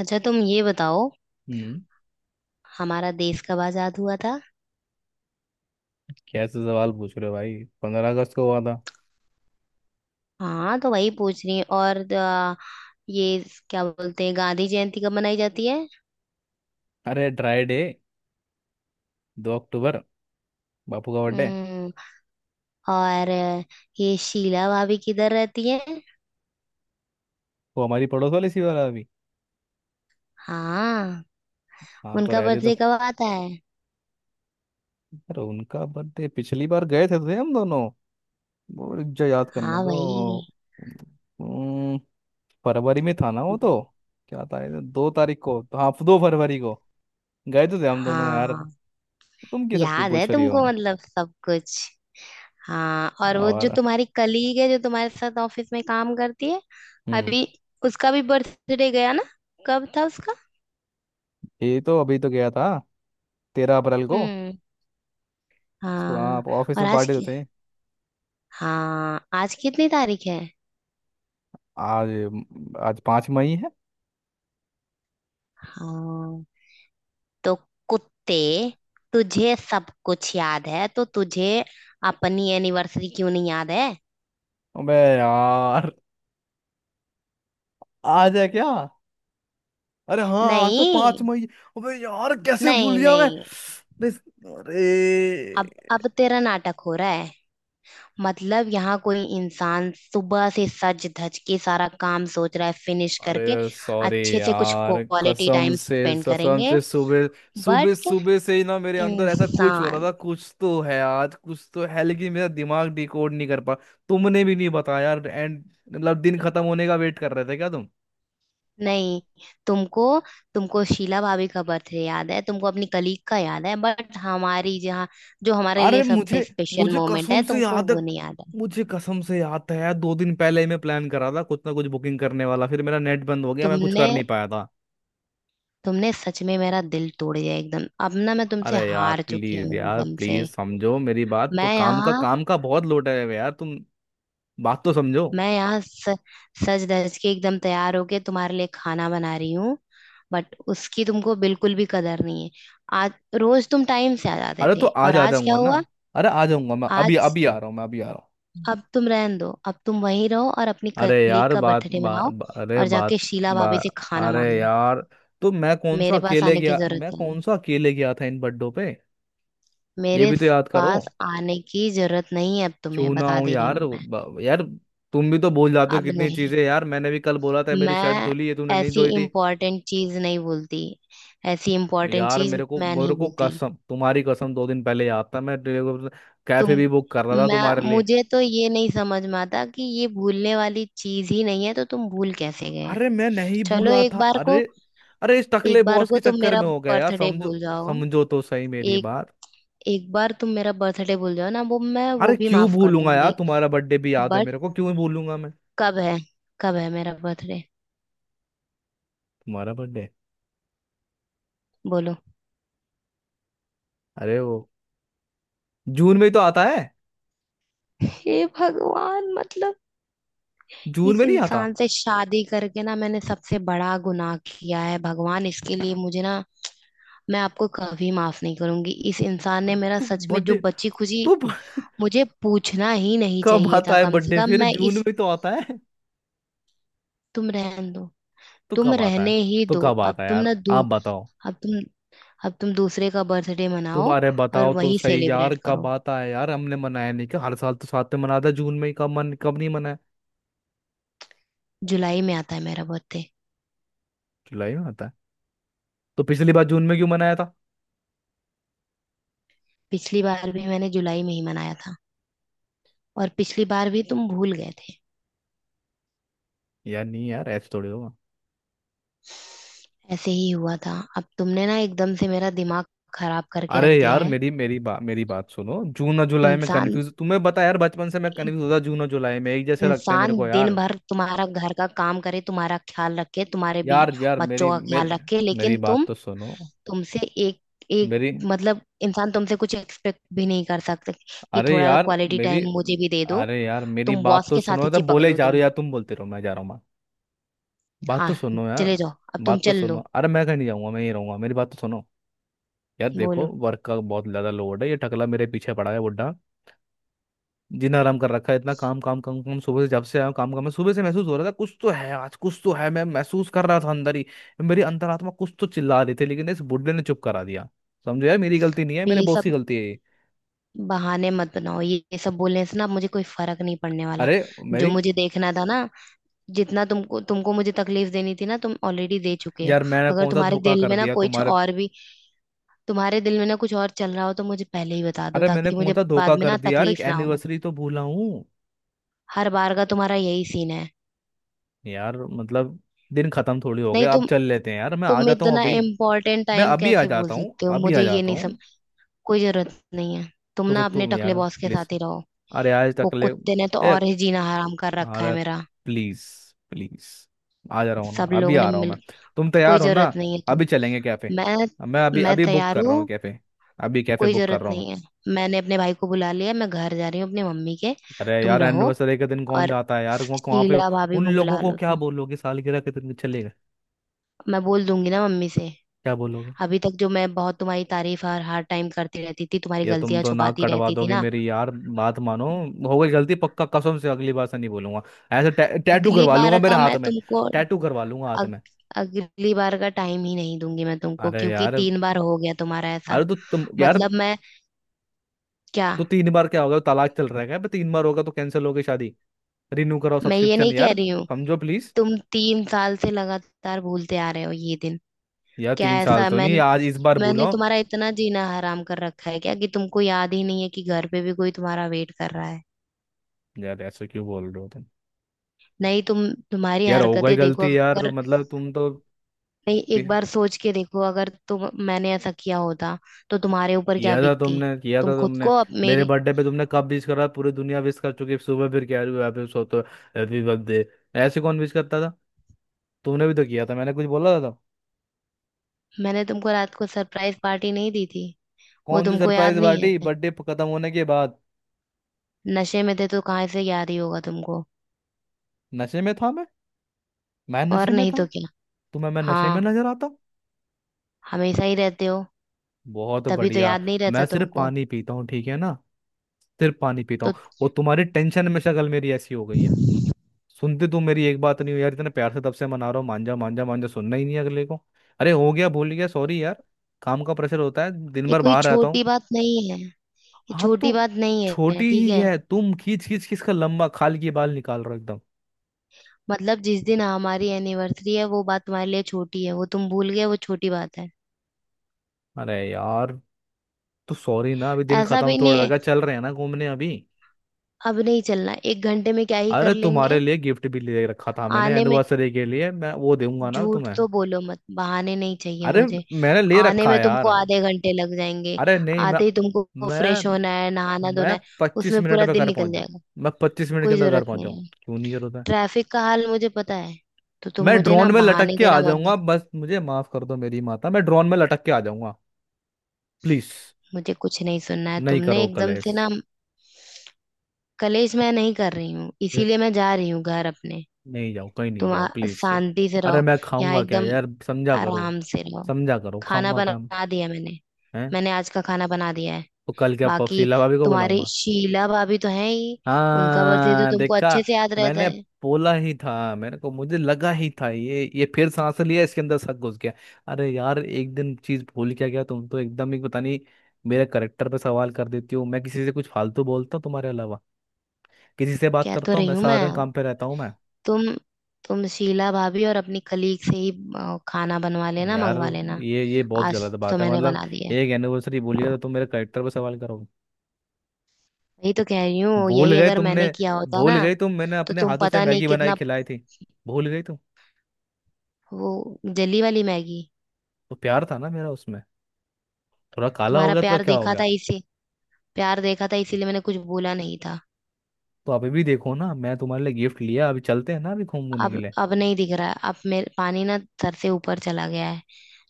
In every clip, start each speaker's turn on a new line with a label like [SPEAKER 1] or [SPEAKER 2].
[SPEAKER 1] अच्छा, तुम ये बताओ,
[SPEAKER 2] हम्म।
[SPEAKER 1] हमारा देश कब आजाद हुआ था।
[SPEAKER 2] कैसे सवाल पूछ रहे हो भाई? 15 अगस्त को हुआ था।
[SPEAKER 1] हाँ, तो वही पूछ रही हूँ। और ये, क्या बोलते हैं, गांधी जयंती कब मनाई जाती है।
[SPEAKER 2] अरे ड्राई डे, 2 अक्टूबर, बापू का बर्थडे।
[SPEAKER 1] हम्म। और ये शीला भाभी किधर रहती है।
[SPEAKER 2] वो हमारी पड़ोस वाली सी वाला अभी।
[SPEAKER 1] हाँ।
[SPEAKER 2] हाँ तो
[SPEAKER 1] उनका
[SPEAKER 2] रहते
[SPEAKER 1] बर्थडे
[SPEAKER 2] तो।
[SPEAKER 1] कब आता है।
[SPEAKER 2] अरे उनका बर्थडे पिछली बार गए थे हम दोनों। वो रुक जा, याद करने
[SPEAKER 1] हाँ
[SPEAKER 2] दो।
[SPEAKER 1] वही।
[SPEAKER 2] हम्म, फरवरी में था ना वो तो। क्या तारीख थी? दो तारीख को तो, हाँ 2 फरवरी को। गए तो थे हम दोनों यार।
[SPEAKER 1] हाँ,
[SPEAKER 2] तुम ये सब क्यों
[SPEAKER 1] याद है
[SPEAKER 2] पूछ रही हो?
[SPEAKER 1] तुमको मतलब सब कुछ। हाँ। और वो जो
[SPEAKER 2] और
[SPEAKER 1] तुम्हारी कलीग है, जो तुम्हारे साथ ऑफिस में काम करती है,
[SPEAKER 2] हम्म,
[SPEAKER 1] अभी उसका भी बर्थडे गया ना। कब था उसका।
[SPEAKER 2] ये तो अभी तो गया था, 13 अप्रैल को।
[SPEAKER 1] हम्म।
[SPEAKER 2] इसको हाँ
[SPEAKER 1] हाँ।
[SPEAKER 2] ऑफिस
[SPEAKER 1] और
[SPEAKER 2] में
[SPEAKER 1] आज
[SPEAKER 2] पार्टी तो
[SPEAKER 1] की,
[SPEAKER 2] थे।
[SPEAKER 1] हाँ, आज कितनी तारीख है।
[SPEAKER 2] आज, आज 5 मई है।
[SPEAKER 1] हाँ, तो कुत्ते, तुझे सब कुछ याद है तो तुझे अपनी एनिवर्सरी क्यों नहीं याद है।
[SPEAKER 2] अबे यार, आज है क्या? अरे हाँ आज तो पांच
[SPEAKER 1] नहीं,
[SPEAKER 2] मई है। अबे यार कैसे भूल
[SPEAKER 1] नहीं,
[SPEAKER 2] गया मैं,
[SPEAKER 1] नहीं।
[SPEAKER 2] अरे।
[SPEAKER 1] अब तेरा नाटक हो रहा है। मतलब यहाँ कोई इंसान सुबह से सज धज के सारा काम सोच रहा है, फिनिश
[SPEAKER 2] अरे
[SPEAKER 1] करके
[SPEAKER 2] अरे सॉरी
[SPEAKER 1] अच्छे से कुछ
[SPEAKER 2] यार,
[SPEAKER 1] क्वालिटी
[SPEAKER 2] कसम
[SPEAKER 1] टाइम
[SPEAKER 2] से।
[SPEAKER 1] स्पेंड
[SPEAKER 2] कसम
[SPEAKER 1] करेंगे।
[SPEAKER 2] से सुबह, सुबह
[SPEAKER 1] बट
[SPEAKER 2] सुबह से ही ना मेरे अंदर ऐसा कुछ हो रहा
[SPEAKER 1] इंसान,
[SPEAKER 2] था, कुछ तो है आज, कुछ तो है, लेकिन मेरा दिमाग डिकोड नहीं कर पा। तुमने भी नहीं बताया यार। एंड मतलब दिन खत्म होने का वेट कर रहे थे क्या तुम?
[SPEAKER 1] नहीं, तुमको तुमको शीला भाभी का बर्थडे याद है, तुमको अपनी कलीग का याद है, बट हमारी जहाँ, जो हमारे
[SPEAKER 2] अरे
[SPEAKER 1] लिए सबसे
[SPEAKER 2] मुझे,
[SPEAKER 1] स्पेशल
[SPEAKER 2] मुझे
[SPEAKER 1] मोमेंट
[SPEAKER 2] कसम
[SPEAKER 1] है,
[SPEAKER 2] से
[SPEAKER 1] तुमको
[SPEAKER 2] याद है
[SPEAKER 1] वो नहीं याद है।
[SPEAKER 2] मुझे कसम से याद है यार, दो दिन पहले ही मैं प्लान करा था, कुछ ना कुछ बुकिंग करने वाला, फिर मेरा नेट बंद हो गया, मैं कुछ
[SPEAKER 1] तुमने
[SPEAKER 2] कर नहीं पाया था।
[SPEAKER 1] तुमने सच में मेरा दिल तोड़ दिया एकदम। अब ना मैं तुमसे
[SPEAKER 2] अरे यार
[SPEAKER 1] हार चुकी
[SPEAKER 2] प्लीज,
[SPEAKER 1] हूँ
[SPEAKER 2] यार
[SPEAKER 1] एकदम
[SPEAKER 2] प्लीज
[SPEAKER 1] से।
[SPEAKER 2] समझो मेरी बात तो,
[SPEAKER 1] मैं
[SPEAKER 2] काम का
[SPEAKER 1] यहाँ
[SPEAKER 2] काम का बहुत लोड है यार तुम, बात तो समझो।
[SPEAKER 1] मैं यहाँ सज धज के एकदम तैयार होके तुम्हारे लिए खाना बना रही हूँ। बट उसकी तुमको बिल्कुल भी कदर नहीं है। आज, रोज तुम टाइम से आ जाते
[SPEAKER 2] अरे तो
[SPEAKER 1] थे
[SPEAKER 2] आज
[SPEAKER 1] और
[SPEAKER 2] आ
[SPEAKER 1] आज क्या
[SPEAKER 2] जाऊंगा ना।
[SPEAKER 1] हुआ।
[SPEAKER 2] अरे आ जाऊंगा मैं, अभी
[SPEAKER 1] आज।
[SPEAKER 2] अभी आ रहा हूँ, मैं अभी आ रहा हूँ।
[SPEAKER 1] अब तुम रहन दो, अब तुम वहीं रहो और अपनी
[SPEAKER 2] अरे
[SPEAKER 1] कलीग
[SPEAKER 2] यार
[SPEAKER 1] का
[SPEAKER 2] बात
[SPEAKER 1] बर्थडे
[SPEAKER 2] बा,
[SPEAKER 1] मनाओ।
[SPEAKER 2] बा, अरे
[SPEAKER 1] और
[SPEAKER 2] बात
[SPEAKER 1] जाके शीला
[SPEAKER 2] बा,
[SPEAKER 1] भाभी से खाना
[SPEAKER 2] अरे
[SPEAKER 1] मांगना।
[SPEAKER 2] यार। तो मैं कौन सा
[SPEAKER 1] मेरे पास
[SPEAKER 2] अकेले
[SPEAKER 1] आने की
[SPEAKER 2] गया, मैं
[SPEAKER 1] जरूरत नहीं
[SPEAKER 2] कौन
[SPEAKER 1] है।
[SPEAKER 2] सा अकेले गया था इन बड्डों पे? ये
[SPEAKER 1] मेरे
[SPEAKER 2] भी तो याद करो।
[SPEAKER 1] पास आने की जरूरत नहीं है, अब तुम्हें
[SPEAKER 2] क्यों ना
[SPEAKER 1] बता
[SPEAKER 2] हूँ
[SPEAKER 1] दे रही
[SPEAKER 2] यार
[SPEAKER 1] हूँ मैं।
[SPEAKER 2] यार, तुम भी तो भूल जाते हो
[SPEAKER 1] अब
[SPEAKER 2] कितनी
[SPEAKER 1] नहीं।
[SPEAKER 2] चीजें यार, मैंने भी कल बोला था मेरी शर्ट
[SPEAKER 1] मैं
[SPEAKER 2] धुली है, तूने नहीं
[SPEAKER 1] ऐसी
[SPEAKER 2] धोई थी।
[SPEAKER 1] इम्पोर्टेंट चीज नहीं भूलती। ऐसी इम्पोर्टेंट
[SPEAKER 2] यार
[SPEAKER 1] चीज
[SPEAKER 2] मेरे को
[SPEAKER 1] मैं
[SPEAKER 2] मेरे
[SPEAKER 1] नहीं
[SPEAKER 2] को
[SPEAKER 1] भूलती।
[SPEAKER 2] कसम तुम्हारी कसम, दो दिन पहले याद था मैं कैफे
[SPEAKER 1] तुम,
[SPEAKER 2] भी बुक कर रहा था तुम्हारे
[SPEAKER 1] मैं,
[SPEAKER 2] लिए।
[SPEAKER 1] मुझे तो ये नहीं समझ में आता कि ये भूलने वाली चीज ही नहीं है, तो तुम भूल कैसे गए।
[SPEAKER 2] अरे मैं नहीं
[SPEAKER 1] चलो,
[SPEAKER 2] भूला था, अरे। अरे इस टकले
[SPEAKER 1] एक बार
[SPEAKER 2] बॉस
[SPEAKER 1] को
[SPEAKER 2] के
[SPEAKER 1] तुम
[SPEAKER 2] चक्कर
[SPEAKER 1] मेरा
[SPEAKER 2] में हो गया यार,
[SPEAKER 1] बर्थडे
[SPEAKER 2] समझो।
[SPEAKER 1] भूल जाओ।
[SPEAKER 2] समझो तो सही मेरी
[SPEAKER 1] एक
[SPEAKER 2] बात।
[SPEAKER 1] एक बार तुम मेरा बर्थडे भूल जाओ ना, वो, मैं
[SPEAKER 2] अरे
[SPEAKER 1] वो भी
[SPEAKER 2] क्यों
[SPEAKER 1] माफ कर
[SPEAKER 2] भूलूंगा यार,
[SPEAKER 1] दूंगी।
[SPEAKER 2] तुम्हारा बर्थडे भी याद है
[SPEAKER 1] बट
[SPEAKER 2] मेरे को, क्यों भूलूंगा मैं?
[SPEAKER 1] कब है, कब है मेरा बर्थडे,
[SPEAKER 2] तुम्हारा बर्थडे?
[SPEAKER 1] बोलो।
[SPEAKER 2] अरे वो जून में ही तो आता है।
[SPEAKER 1] हे भगवान, मतलब
[SPEAKER 2] जून
[SPEAKER 1] इस
[SPEAKER 2] में नहीं आता?
[SPEAKER 1] इंसान से शादी करके ना मैंने सबसे बड़ा गुनाह किया है। भगवान, इसके लिए मुझे ना, मैं आपको कभी माफ नहीं करूंगी। इस इंसान ने मेरा
[SPEAKER 2] तू
[SPEAKER 1] सच में जो
[SPEAKER 2] बर्थडे
[SPEAKER 1] बची खुची,
[SPEAKER 2] तू
[SPEAKER 1] मुझे पूछना ही नहीं
[SPEAKER 2] कब
[SPEAKER 1] चाहिए
[SPEAKER 2] आता
[SPEAKER 1] था
[SPEAKER 2] है
[SPEAKER 1] कम से
[SPEAKER 2] बर्थडे
[SPEAKER 1] कम,
[SPEAKER 2] फिर?
[SPEAKER 1] मैं
[SPEAKER 2] जून
[SPEAKER 1] इस।
[SPEAKER 2] में तो आता है।
[SPEAKER 1] तुम रहने दो,
[SPEAKER 2] तो
[SPEAKER 1] तुम
[SPEAKER 2] कब आता
[SPEAKER 1] रहने
[SPEAKER 2] है?
[SPEAKER 1] ही
[SPEAKER 2] तो
[SPEAKER 1] दो।
[SPEAKER 2] कब
[SPEAKER 1] अब
[SPEAKER 2] आता है
[SPEAKER 1] तुम
[SPEAKER 2] यार,
[SPEAKER 1] ना दू,
[SPEAKER 2] आप बताओ।
[SPEAKER 1] अब तुम, अब तुम दूसरे का बर्थडे
[SPEAKER 2] तुम
[SPEAKER 1] मनाओ
[SPEAKER 2] अरे
[SPEAKER 1] और
[SPEAKER 2] बताओ तो
[SPEAKER 1] वही
[SPEAKER 2] सही यार,
[SPEAKER 1] सेलिब्रेट
[SPEAKER 2] कब
[SPEAKER 1] करो।
[SPEAKER 2] आता है यार? हमने मनाया नहीं क्या? हर साल तो साथ में मनाता है जून में ही, कब मन, कब नहीं मनाया?
[SPEAKER 1] जुलाई में आता है मेरा बर्थडे।
[SPEAKER 2] जुलाई में आता है? तो पिछली बार जून में क्यों मनाया था?
[SPEAKER 1] पिछली बार भी मैंने जुलाई में ही मनाया था, और पिछली बार भी तुम भूल गए थे।
[SPEAKER 2] यार नहीं यार, ऐसे थोड़ी होगा।
[SPEAKER 1] ऐसे ही हुआ था। अब तुमने ना एकदम से मेरा दिमाग खराब करके
[SPEAKER 2] अरे
[SPEAKER 1] रख दिया
[SPEAKER 2] यार
[SPEAKER 1] है।
[SPEAKER 2] मेरी मेरी बात सुनो, जून और जुलाई में
[SPEAKER 1] इंसान,
[SPEAKER 2] कंफ्यूज, तुम्हें पता है यार बचपन से मैं कंफ्यूज होता, जून और जुलाई में एक जैसे लगते हैं मेरे
[SPEAKER 1] इंसान
[SPEAKER 2] को
[SPEAKER 1] दिन
[SPEAKER 2] यार।
[SPEAKER 1] भर तुम्हारा घर का काम करे, तुम्हारा ख्याल रखे, तुम्हारे भी
[SPEAKER 2] यार यार
[SPEAKER 1] बच्चों
[SPEAKER 2] मेरी
[SPEAKER 1] का ख्याल
[SPEAKER 2] मेरे
[SPEAKER 1] रखे,
[SPEAKER 2] मेरी
[SPEAKER 1] लेकिन
[SPEAKER 2] बात
[SPEAKER 1] तुम
[SPEAKER 2] तो सुनो।
[SPEAKER 1] तुमसे एक, एक,
[SPEAKER 2] मेरी
[SPEAKER 1] मतलब इंसान तुमसे कुछ एक्सपेक्ट भी नहीं कर सकता कि
[SPEAKER 2] अरे
[SPEAKER 1] थोड़ा
[SPEAKER 2] यार
[SPEAKER 1] क्वालिटी
[SPEAKER 2] मेरी,
[SPEAKER 1] टाइम मुझे भी दे दो।
[SPEAKER 2] अरे यार मेरी
[SPEAKER 1] तुम
[SPEAKER 2] बात
[SPEAKER 1] बॉस
[SPEAKER 2] तो
[SPEAKER 1] के साथ
[SPEAKER 2] सुनो,
[SPEAKER 1] ही
[SPEAKER 2] तो
[SPEAKER 1] चिपक
[SPEAKER 2] बोले
[SPEAKER 1] लो
[SPEAKER 2] जा
[SPEAKER 1] तुम।
[SPEAKER 2] रहे हो यार, तुम बोलते रहो मैं जा रहा हूँ मैं। बात
[SPEAKER 1] हाँ,
[SPEAKER 2] तो सुनो यार,
[SPEAKER 1] चले जाओ, अब तुम
[SPEAKER 2] बात तो
[SPEAKER 1] चल
[SPEAKER 2] सुनो,
[SPEAKER 1] लो।
[SPEAKER 2] अरे मैं कहीं नहीं जाऊंगा, मैं ही रहूंगा, मेरी बात तो सुनो। यार देखो
[SPEAKER 1] बोलो।
[SPEAKER 2] वर्क का बहुत ज्यादा लोड है, ये टकला मेरे पीछे पड़ा है बुड्ढा, जिन आराम कर रखा है, इतना काम काम काम काम सुबह से, जब से आया हूं, काम काम है। सुबह से महसूस हो रहा था कुछ तो है आज, कुछ तो है, मैं महसूस कर रहा था अंदर ही। मेरी अंतरात्मा कुछ तो चिल्ला रही थी, लेकिन इस बुड्ढे ने चुप करा दिया। समझो यार मेरी गलती नहीं है,
[SPEAKER 1] अभी
[SPEAKER 2] मेरे
[SPEAKER 1] ये
[SPEAKER 2] बॉस की
[SPEAKER 1] सब
[SPEAKER 2] गलती है ये।
[SPEAKER 1] बहाने मत बनाओ, ये सब बोलने से ना मुझे कोई फर्क नहीं पड़ने वाला।
[SPEAKER 2] अरे
[SPEAKER 1] जो
[SPEAKER 2] मेरी
[SPEAKER 1] मुझे देखना था ना, जितना तुमको तुमको मुझे तकलीफ देनी थी ना, तुम ऑलरेडी दे चुके हो।
[SPEAKER 2] यार, मैंने
[SPEAKER 1] अगर
[SPEAKER 2] कौन सा
[SPEAKER 1] तुम्हारे
[SPEAKER 2] धोखा
[SPEAKER 1] दिल
[SPEAKER 2] कर
[SPEAKER 1] में ना
[SPEAKER 2] दिया
[SPEAKER 1] कुछ
[SPEAKER 2] तुम्हारे?
[SPEAKER 1] और भी, तुम्हारे दिल में ना कुछ और चल रहा हो, तो मुझे पहले ही बता दो,
[SPEAKER 2] अरे मैंने
[SPEAKER 1] ताकि
[SPEAKER 2] कौन
[SPEAKER 1] मुझे
[SPEAKER 2] सा
[SPEAKER 1] बाद
[SPEAKER 2] धोखा
[SPEAKER 1] में
[SPEAKER 2] कर
[SPEAKER 1] ना
[SPEAKER 2] दिया यार, एक
[SPEAKER 1] तकलीफ ना हो।
[SPEAKER 2] एनिवर्सरी तो भूला हूँ।
[SPEAKER 1] हर बार का तुम्हारा यही सीन है।
[SPEAKER 2] यार मतलब दिन खत्म थोड़ी हो
[SPEAKER 1] नहीं
[SPEAKER 2] गया, अब
[SPEAKER 1] तुम,
[SPEAKER 2] चल लेते हैं यार, मैं आ जाता हूँ
[SPEAKER 1] इतना
[SPEAKER 2] अभी।
[SPEAKER 1] इम्पोर्टेंट
[SPEAKER 2] मैं
[SPEAKER 1] टाइम
[SPEAKER 2] अभी आ
[SPEAKER 1] कैसे बोल
[SPEAKER 2] जाता हूँ
[SPEAKER 1] सकते हो,
[SPEAKER 2] अभी
[SPEAKER 1] मुझे
[SPEAKER 2] आ
[SPEAKER 1] ये
[SPEAKER 2] जाता
[SPEAKER 1] नहीं
[SPEAKER 2] हूँ।
[SPEAKER 1] समझ। कोई जरूरत नहीं है। तुम
[SPEAKER 2] तो
[SPEAKER 1] ना अपने
[SPEAKER 2] तुम
[SPEAKER 1] टकले
[SPEAKER 2] यार
[SPEAKER 1] बॉस के
[SPEAKER 2] प्लीज,
[SPEAKER 1] साथ ही रहो,
[SPEAKER 2] अरे आज
[SPEAKER 1] वो
[SPEAKER 2] तक ले।
[SPEAKER 1] कुत्ते ने तो
[SPEAKER 2] ए
[SPEAKER 1] और ही जीना हराम कर रखा है
[SPEAKER 2] अरे
[SPEAKER 1] मेरा।
[SPEAKER 2] प्लीज, प्लीज आ, जा रहा हूँ ना,
[SPEAKER 1] सब
[SPEAKER 2] अभी
[SPEAKER 1] लोग ने
[SPEAKER 2] आ रहा हूँ
[SPEAKER 1] मिल।
[SPEAKER 2] मैं। तुम
[SPEAKER 1] कोई
[SPEAKER 2] तैयार हो ना?
[SPEAKER 1] जरूरत नहीं है
[SPEAKER 2] अभी
[SPEAKER 1] तुम।
[SPEAKER 2] चलेंगे कैफे,
[SPEAKER 1] मैं
[SPEAKER 2] मैं अभी
[SPEAKER 1] मैं
[SPEAKER 2] अभी बुक
[SPEAKER 1] तैयार
[SPEAKER 2] कर रहा
[SPEAKER 1] हूँ।
[SPEAKER 2] हूँ कैफे, अभी कैफे
[SPEAKER 1] कोई
[SPEAKER 2] बुक कर
[SPEAKER 1] जरूरत
[SPEAKER 2] रहा हूँ मैं।
[SPEAKER 1] नहीं है। मैंने अपने भाई को बुला लिया, मैं घर जा रही हूँ अपनी मम्मी के।
[SPEAKER 2] अरे
[SPEAKER 1] तुम
[SPEAKER 2] यार
[SPEAKER 1] रहो
[SPEAKER 2] एनिवर्सरी के दिन कौन
[SPEAKER 1] और
[SPEAKER 2] जाता है यार वहाँ, वहाँ पे।
[SPEAKER 1] शीला भाभी
[SPEAKER 2] उन
[SPEAKER 1] को
[SPEAKER 2] लोगों
[SPEAKER 1] बुला
[SPEAKER 2] को
[SPEAKER 1] लो
[SPEAKER 2] क्या
[SPEAKER 1] तुम।
[SPEAKER 2] बोलोगे, सालगिरह के दिन चलेगा?
[SPEAKER 1] मैं बोल दूंगी ना मम्मी से।
[SPEAKER 2] क्या बोलोगे?
[SPEAKER 1] अभी तक जो मैं बहुत तुम्हारी तारीफ हर हर टाइम करती रहती थी, तुम्हारी
[SPEAKER 2] या तुम
[SPEAKER 1] गलतियां
[SPEAKER 2] तो नाक
[SPEAKER 1] छुपाती
[SPEAKER 2] कटवा
[SPEAKER 1] रहती थी
[SPEAKER 2] दोगे
[SPEAKER 1] ना।
[SPEAKER 2] मेरी, यार बात मानो। हो गई गलती, पक्का कसम से अगली बार से नहीं बोलूंगा। ऐसे टैटू
[SPEAKER 1] अगली
[SPEAKER 2] करवा लूंगा
[SPEAKER 1] बार
[SPEAKER 2] मेरे
[SPEAKER 1] का
[SPEAKER 2] हाथ
[SPEAKER 1] मैं
[SPEAKER 2] में,
[SPEAKER 1] तुमको
[SPEAKER 2] टैटू
[SPEAKER 1] अग,
[SPEAKER 2] करवा लूंगा हाथ में।
[SPEAKER 1] अगली बार का टाइम ही नहीं दूंगी मैं तुमको,
[SPEAKER 2] अरे
[SPEAKER 1] क्योंकि
[SPEAKER 2] यार,
[SPEAKER 1] 3 बार हो गया तुम्हारा ऐसा।
[SPEAKER 2] अरे तो तुम यार,
[SPEAKER 1] मतलब मैं, क्या,
[SPEAKER 2] तो तीन बार क्या होगा, तलाक चल रहा है क्या बे? तीन बार होगा तो कैंसिल होगी शादी? रिन्यू कराओ
[SPEAKER 1] मैं ये
[SPEAKER 2] सब्सक्रिप्शन
[SPEAKER 1] नहीं कह
[SPEAKER 2] यार।
[SPEAKER 1] रही हूँ,
[SPEAKER 2] समझो प्लीज।
[SPEAKER 1] तुम 3 साल से लगातार भूलते आ रहे हो ये दिन।
[SPEAKER 2] यार
[SPEAKER 1] क्या
[SPEAKER 2] तीन साल
[SPEAKER 1] ऐसा
[SPEAKER 2] तो नहीं, आज इस बार
[SPEAKER 1] मैंने
[SPEAKER 2] बोलो।
[SPEAKER 1] तुम्हारा इतना जीना हराम कर रखा है क्या, कि तुमको याद ही नहीं है कि घर पे भी कोई तुम्हारा वेट कर रहा है।
[SPEAKER 2] यार ऐसे क्यों बोल रहे हो तुम?
[SPEAKER 1] नहीं तुम, तुम्हारी
[SPEAKER 2] यार हो गई
[SPEAKER 1] हरकतें देखो
[SPEAKER 2] गलती यार,
[SPEAKER 1] अगर,
[SPEAKER 2] मतलब तुम तो।
[SPEAKER 1] नहीं, एक बार सोच के देखो, अगर तुम, मैंने ऐसा किया होता तो तुम्हारे ऊपर क्या
[SPEAKER 2] किया था
[SPEAKER 1] बीतती।
[SPEAKER 2] तुमने, किया
[SPEAKER 1] तुम
[SPEAKER 2] था
[SPEAKER 1] खुद
[SPEAKER 2] तुमने।
[SPEAKER 1] को अब
[SPEAKER 2] मेरे
[SPEAKER 1] मेरे,
[SPEAKER 2] बर्थडे पे तुमने कब विश करा? पूरी दुनिया विश कर चुकी है सुबह, फिर क्या हुआ, फिर सोते हैप्पी बर्थडे, ऐसे कौन विश करता था? तुमने भी तो किया था, मैंने कुछ बोला था तब?
[SPEAKER 1] मैंने तुमको रात को सरप्राइज पार्टी नहीं दी थी। वो
[SPEAKER 2] कौन सी
[SPEAKER 1] तुमको याद
[SPEAKER 2] सरप्राइज
[SPEAKER 1] नहीं
[SPEAKER 2] पार्टी
[SPEAKER 1] है।
[SPEAKER 2] बर्थडे खत्म होने के बाद?
[SPEAKER 1] नशे में थे तो कहाँ से याद ही होगा तुमको।
[SPEAKER 2] नशे में था मैं? मैं
[SPEAKER 1] और
[SPEAKER 2] नशे में
[SPEAKER 1] नहीं
[SPEAKER 2] था?
[SPEAKER 1] तो क्या।
[SPEAKER 2] तुम्हें मैं नशे में
[SPEAKER 1] हाँ,
[SPEAKER 2] नजर आता हूँ?
[SPEAKER 1] हमेशा ही रहते हो,
[SPEAKER 2] बहुत
[SPEAKER 1] तभी तो
[SPEAKER 2] बढ़िया।
[SPEAKER 1] याद नहीं
[SPEAKER 2] मैं
[SPEAKER 1] रहता
[SPEAKER 2] सिर्फ
[SPEAKER 1] तुमको
[SPEAKER 2] पानी पीता हूँ, ठीक है ना, सिर्फ पानी पीता हूँ।
[SPEAKER 1] तो।
[SPEAKER 2] वो तुम्हारी टेंशन में शक्ल मेरी ऐसी हो गई है। सुनते तुम मेरी एक बात नहीं हो यार, इतने प्यार से तब से मना रहा हूँ, मांझा मांझा मांझा सुनना ही नहीं है अगले को। अरे हो गया, भूल गया, सॉरी यार, काम का प्रेशर होता है, दिन
[SPEAKER 1] ये
[SPEAKER 2] भर
[SPEAKER 1] कोई
[SPEAKER 2] बाहर रहता हूँ।
[SPEAKER 1] छोटी बात नहीं है। ये
[SPEAKER 2] हाँ तो
[SPEAKER 1] छोटी बात नहीं है,
[SPEAKER 2] छोटी
[SPEAKER 1] ठीक
[SPEAKER 2] ही
[SPEAKER 1] है।
[SPEAKER 2] है, तुम खींच खींच खींच का लंबा खाल की बाल निकाल रहे हो एकदम।
[SPEAKER 1] मतलब जिस दिन हमारी एनिवर्सरी है, वो बात तुम्हारे लिए छोटी है, वो तुम भूल गए, वो छोटी बात है।
[SPEAKER 2] अरे यार तो सॉरी ना, अभी दिन
[SPEAKER 1] ऐसा
[SPEAKER 2] खत्म
[SPEAKER 1] भी
[SPEAKER 2] थोड़ा
[SPEAKER 1] नहीं है,
[SPEAKER 2] होगा, चल रहे हैं ना घूमने अभी।
[SPEAKER 1] अब नहीं चलना, एक घंटे में क्या ही कर
[SPEAKER 2] अरे तुम्हारे
[SPEAKER 1] लेंगे।
[SPEAKER 2] लिए गिफ्ट भी ले रखा था मैंने
[SPEAKER 1] आने में,
[SPEAKER 2] एनिवर्सरी के लिए, मैं वो दूंगा ना
[SPEAKER 1] झूठ
[SPEAKER 2] तुम्हें।
[SPEAKER 1] तो बोलो मत, बहाने नहीं चाहिए
[SPEAKER 2] अरे
[SPEAKER 1] मुझे।
[SPEAKER 2] मैंने ले
[SPEAKER 1] आने
[SPEAKER 2] रखा
[SPEAKER 1] में
[SPEAKER 2] है यार।
[SPEAKER 1] तुमको आधे घंटे लग जाएंगे,
[SPEAKER 2] अरे नहीं मैं,
[SPEAKER 1] आते ही तुमको
[SPEAKER 2] मैं
[SPEAKER 1] फ्रेश होना है, नहाना धोना
[SPEAKER 2] मैं
[SPEAKER 1] है,
[SPEAKER 2] पच्चीस
[SPEAKER 1] उसमें
[SPEAKER 2] मिनट
[SPEAKER 1] पूरा
[SPEAKER 2] में
[SPEAKER 1] दिन
[SPEAKER 2] घर पहुंच
[SPEAKER 1] निकल
[SPEAKER 2] जाऊं,
[SPEAKER 1] जाएगा।
[SPEAKER 2] मैं पच्चीस मिनट के
[SPEAKER 1] कोई
[SPEAKER 2] अंदर घर
[SPEAKER 1] जरूरत
[SPEAKER 2] पहुंच जाऊं,
[SPEAKER 1] नहीं है,
[SPEAKER 2] क्यों नहीं जरूरत है?
[SPEAKER 1] ट्रैफिक का हाल मुझे पता है, तो तुम
[SPEAKER 2] मैं
[SPEAKER 1] मुझे ना
[SPEAKER 2] ड्रोन में लटक
[SPEAKER 1] बहाने
[SPEAKER 2] के
[SPEAKER 1] देना
[SPEAKER 2] आ
[SPEAKER 1] बंद
[SPEAKER 2] जाऊंगा,
[SPEAKER 1] करो।
[SPEAKER 2] बस मुझे माफ कर दो मेरी माता, मैं ड्रोन में लटक के आ जाऊंगा, प्लीज।
[SPEAKER 1] मुझे कुछ नहीं सुनना है,
[SPEAKER 2] नहीं
[SPEAKER 1] तुमने
[SPEAKER 2] करो
[SPEAKER 1] एकदम से
[SPEAKER 2] कलेश।
[SPEAKER 1] ना। कलेश मैं नहीं कर रही हूँ,
[SPEAKER 2] फिर
[SPEAKER 1] इसीलिए मैं जा रही हूँ घर अपने।
[SPEAKER 2] नहीं जाओ, कहीं नहीं
[SPEAKER 1] तुम
[SPEAKER 2] जाओ प्लीज यार।
[SPEAKER 1] शांति से
[SPEAKER 2] अरे
[SPEAKER 1] रहो
[SPEAKER 2] मैं
[SPEAKER 1] यहाँ
[SPEAKER 2] खाऊंगा क्या
[SPEAKER 1] एकदम,
[SPEAKER 2] यार, समझा करो,
[SPEAKER 1] आराम से रहो।
[SPEAKER 2] समझा करो
[SPEAKER 1] खाना
[SPEAKER 2] खाऊंगा क्या मैं?
[SPEAKER 1] बना दिया मैंने
[SPEAKER 2] हैं?
[SPEAKER 1] मैंने आज का खाना बना दिया है।
[SPEAKER 2] तो कल क्या
[SPEAKER 1] बाकी
[SPEAKER 2] शीला भाभी को
[SPEAKER 1] तुम्हारी
[SPEAKER 2] बुलाऊंगा?
[SPEAKER 1] शीला भाभी तो है ही, उनका बर्थडे तो
[SPEAKER 2] हाँ
[SPEAKER 1] तुमको
[SPEAKER 2] देखा,
[SPEAKER 1] अच्छे से याद रहता
[SPEAKER 2] मैंने
[SPEAKER 1] है।
[SPEAKER 2] बोला ही था मेरे को, मुझे लगा ही था ये फिर सांस लिया इसके अंदर शक घुस गया। अरे यार एक दिन चीज भूल क्या गया, तुम तो एकदम ही पता नहीं मेरे करेक्टर पे सवाल कर देती हो। मैं किसी से कुछ फालतू बोलता हूँ तुम्हारे अलावा? किसी से बात
[SPEAKER 1] कह तो
[SPEAKER 2] करता हूँ
[SPEAKER 1] रही
[SPEAKER 2] मैं?
[SPEAKER 1] हूँ
[SPEAKER 2] सारा
[SPEAKER 1] मैं।
[SPEAKER 2] दिन काम पे रहता हूँ मैं।
[SPEAKER 1] तुम तुम शीला भाभी और अपनी कलीग से ही खाना बनवा लेना,
[SPEAKER 2] यार
[SPEAKER 1] मंगवा लेना।
[SPEAKER 2] ये बहुत
[SPEAKER 1] आज
[SPEAKER 2] गलत
[SPEAKER 1] तो
[SPEAKER 2] बात है,
[SPEAKER 1] मैंने
[SPEAKER 2] मतलब
[SPEAKER 1] बना दिया है।
[SPEAKER 2] एक एनिवर्सरी भूल गया तो तुम मेरे करेक्टर पे सवाल करोगे?
[SPEAKER 1] यही तो कह रही हूँ
[SPEAKER 2] भूल
[SPEAKER 1] यही,
[SPEAKER 2] गए
[SPEAKER 1] अगर
[SPEAKER 2] तुमने,
[SPEAKER 1] मैंने किया होता
[SPEAKER 2] भूल
[SPEAKER 1] ना,
[SPEAKER 2] गई तुम, मैंने
[SPEAKER 1] तो
[SPEAKER 2] अपने
[SPEAKER 1] तुम
[SPEAKER 2] हाथों से
[SPEAKER 1] पता नहीं
[SPEAKER 2] मैगी बनाई
[SPEAKER 1] कितना।
[SPEAKER 2] खिलाई थी, भूल गई तुम?
[SPEAKER 1] वो जली वाली मैगी,
[SPEAKER 2] तो प्यार था ना मेरा उसमें, थोड़ा काला हो
[SPEAKER 1] तुम्हारा
[SPEAKER 2] गया तो
[SPEAKER 1] प्यार
[SPEAKER 2] क्या हो
[SPEAKER 1] देखा
[SPEAKER 2] गया।
[SPEAKER 1] था इसी प्यार देखा था इसीलिए मैंने कुछ बोला नहीं था।
[SPEAKER 2] तो आप भी देखो ना, मैं तुम्हारे लिए गिफ्ट लिया, अभी चलते हैं ना अभी घूमने के
[SPEAKER 1] अब
[SPEAKER 2] लिए।
[SPEAKER 1] अब नहीं दिख रहा है, अब मेरे पानी ना सर से ऊपर चला गया है।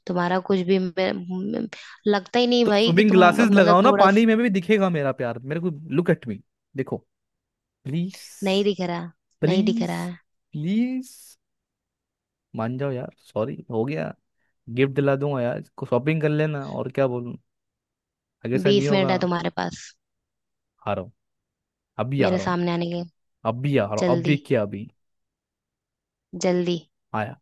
[SPEAKER 1] तुम्हारा कुछ भी मे- मे- लगता ही नहीं
[SPEAKER 2] तो
[SPEAKER 1] भाई कि
[SPEAKER 2] स्विमिंग
[SPEAKER 1] तुम,
[SPEAKER 2] ग्लासेस
[SPEAKER 1] मतलब
[SPEAKER 2] लगाओ ना,
[SPEAKER 1] थोड़ा
[SPEAKER 2] पानी में भी दिखेगा मेरा प्यार मेरे को। लुक एट मी, देखो, प्लीज,
[SPEAKER 1] नहीं दिख रहा, नहीं दिख
[SPEAKER 2] प्लीज,
[SPEAKER 1] रहा है।
[SPEAKER 2] प्लीज, मान जाओ यार, सॉरी हो गया, गिफ्ट दिला दूंगा यार, शॉपिंग कर लेना, और क्या बोलूं, आगे से नहीं
[SPEAKER 1] 20 मिनट
[SPEAKER 2] होगा।
[SPEAKER 1] है तुम्हारे पास
[SPEAKER 2] हारो, अभी आ
[SPEAKER 1] मेरे
[SPEAKER 2] रहा हूँ,
[SPEAKER 1] सामने आने के लिए।
[SPEAKER 2] अभी आ रहा हूँ, अभी
[SPEAKER 1] जल्दी,
[SPEAKER 2] क्या, अभी
[SPEAKER 1] जल्दी।
[SPEAKER 2] आया।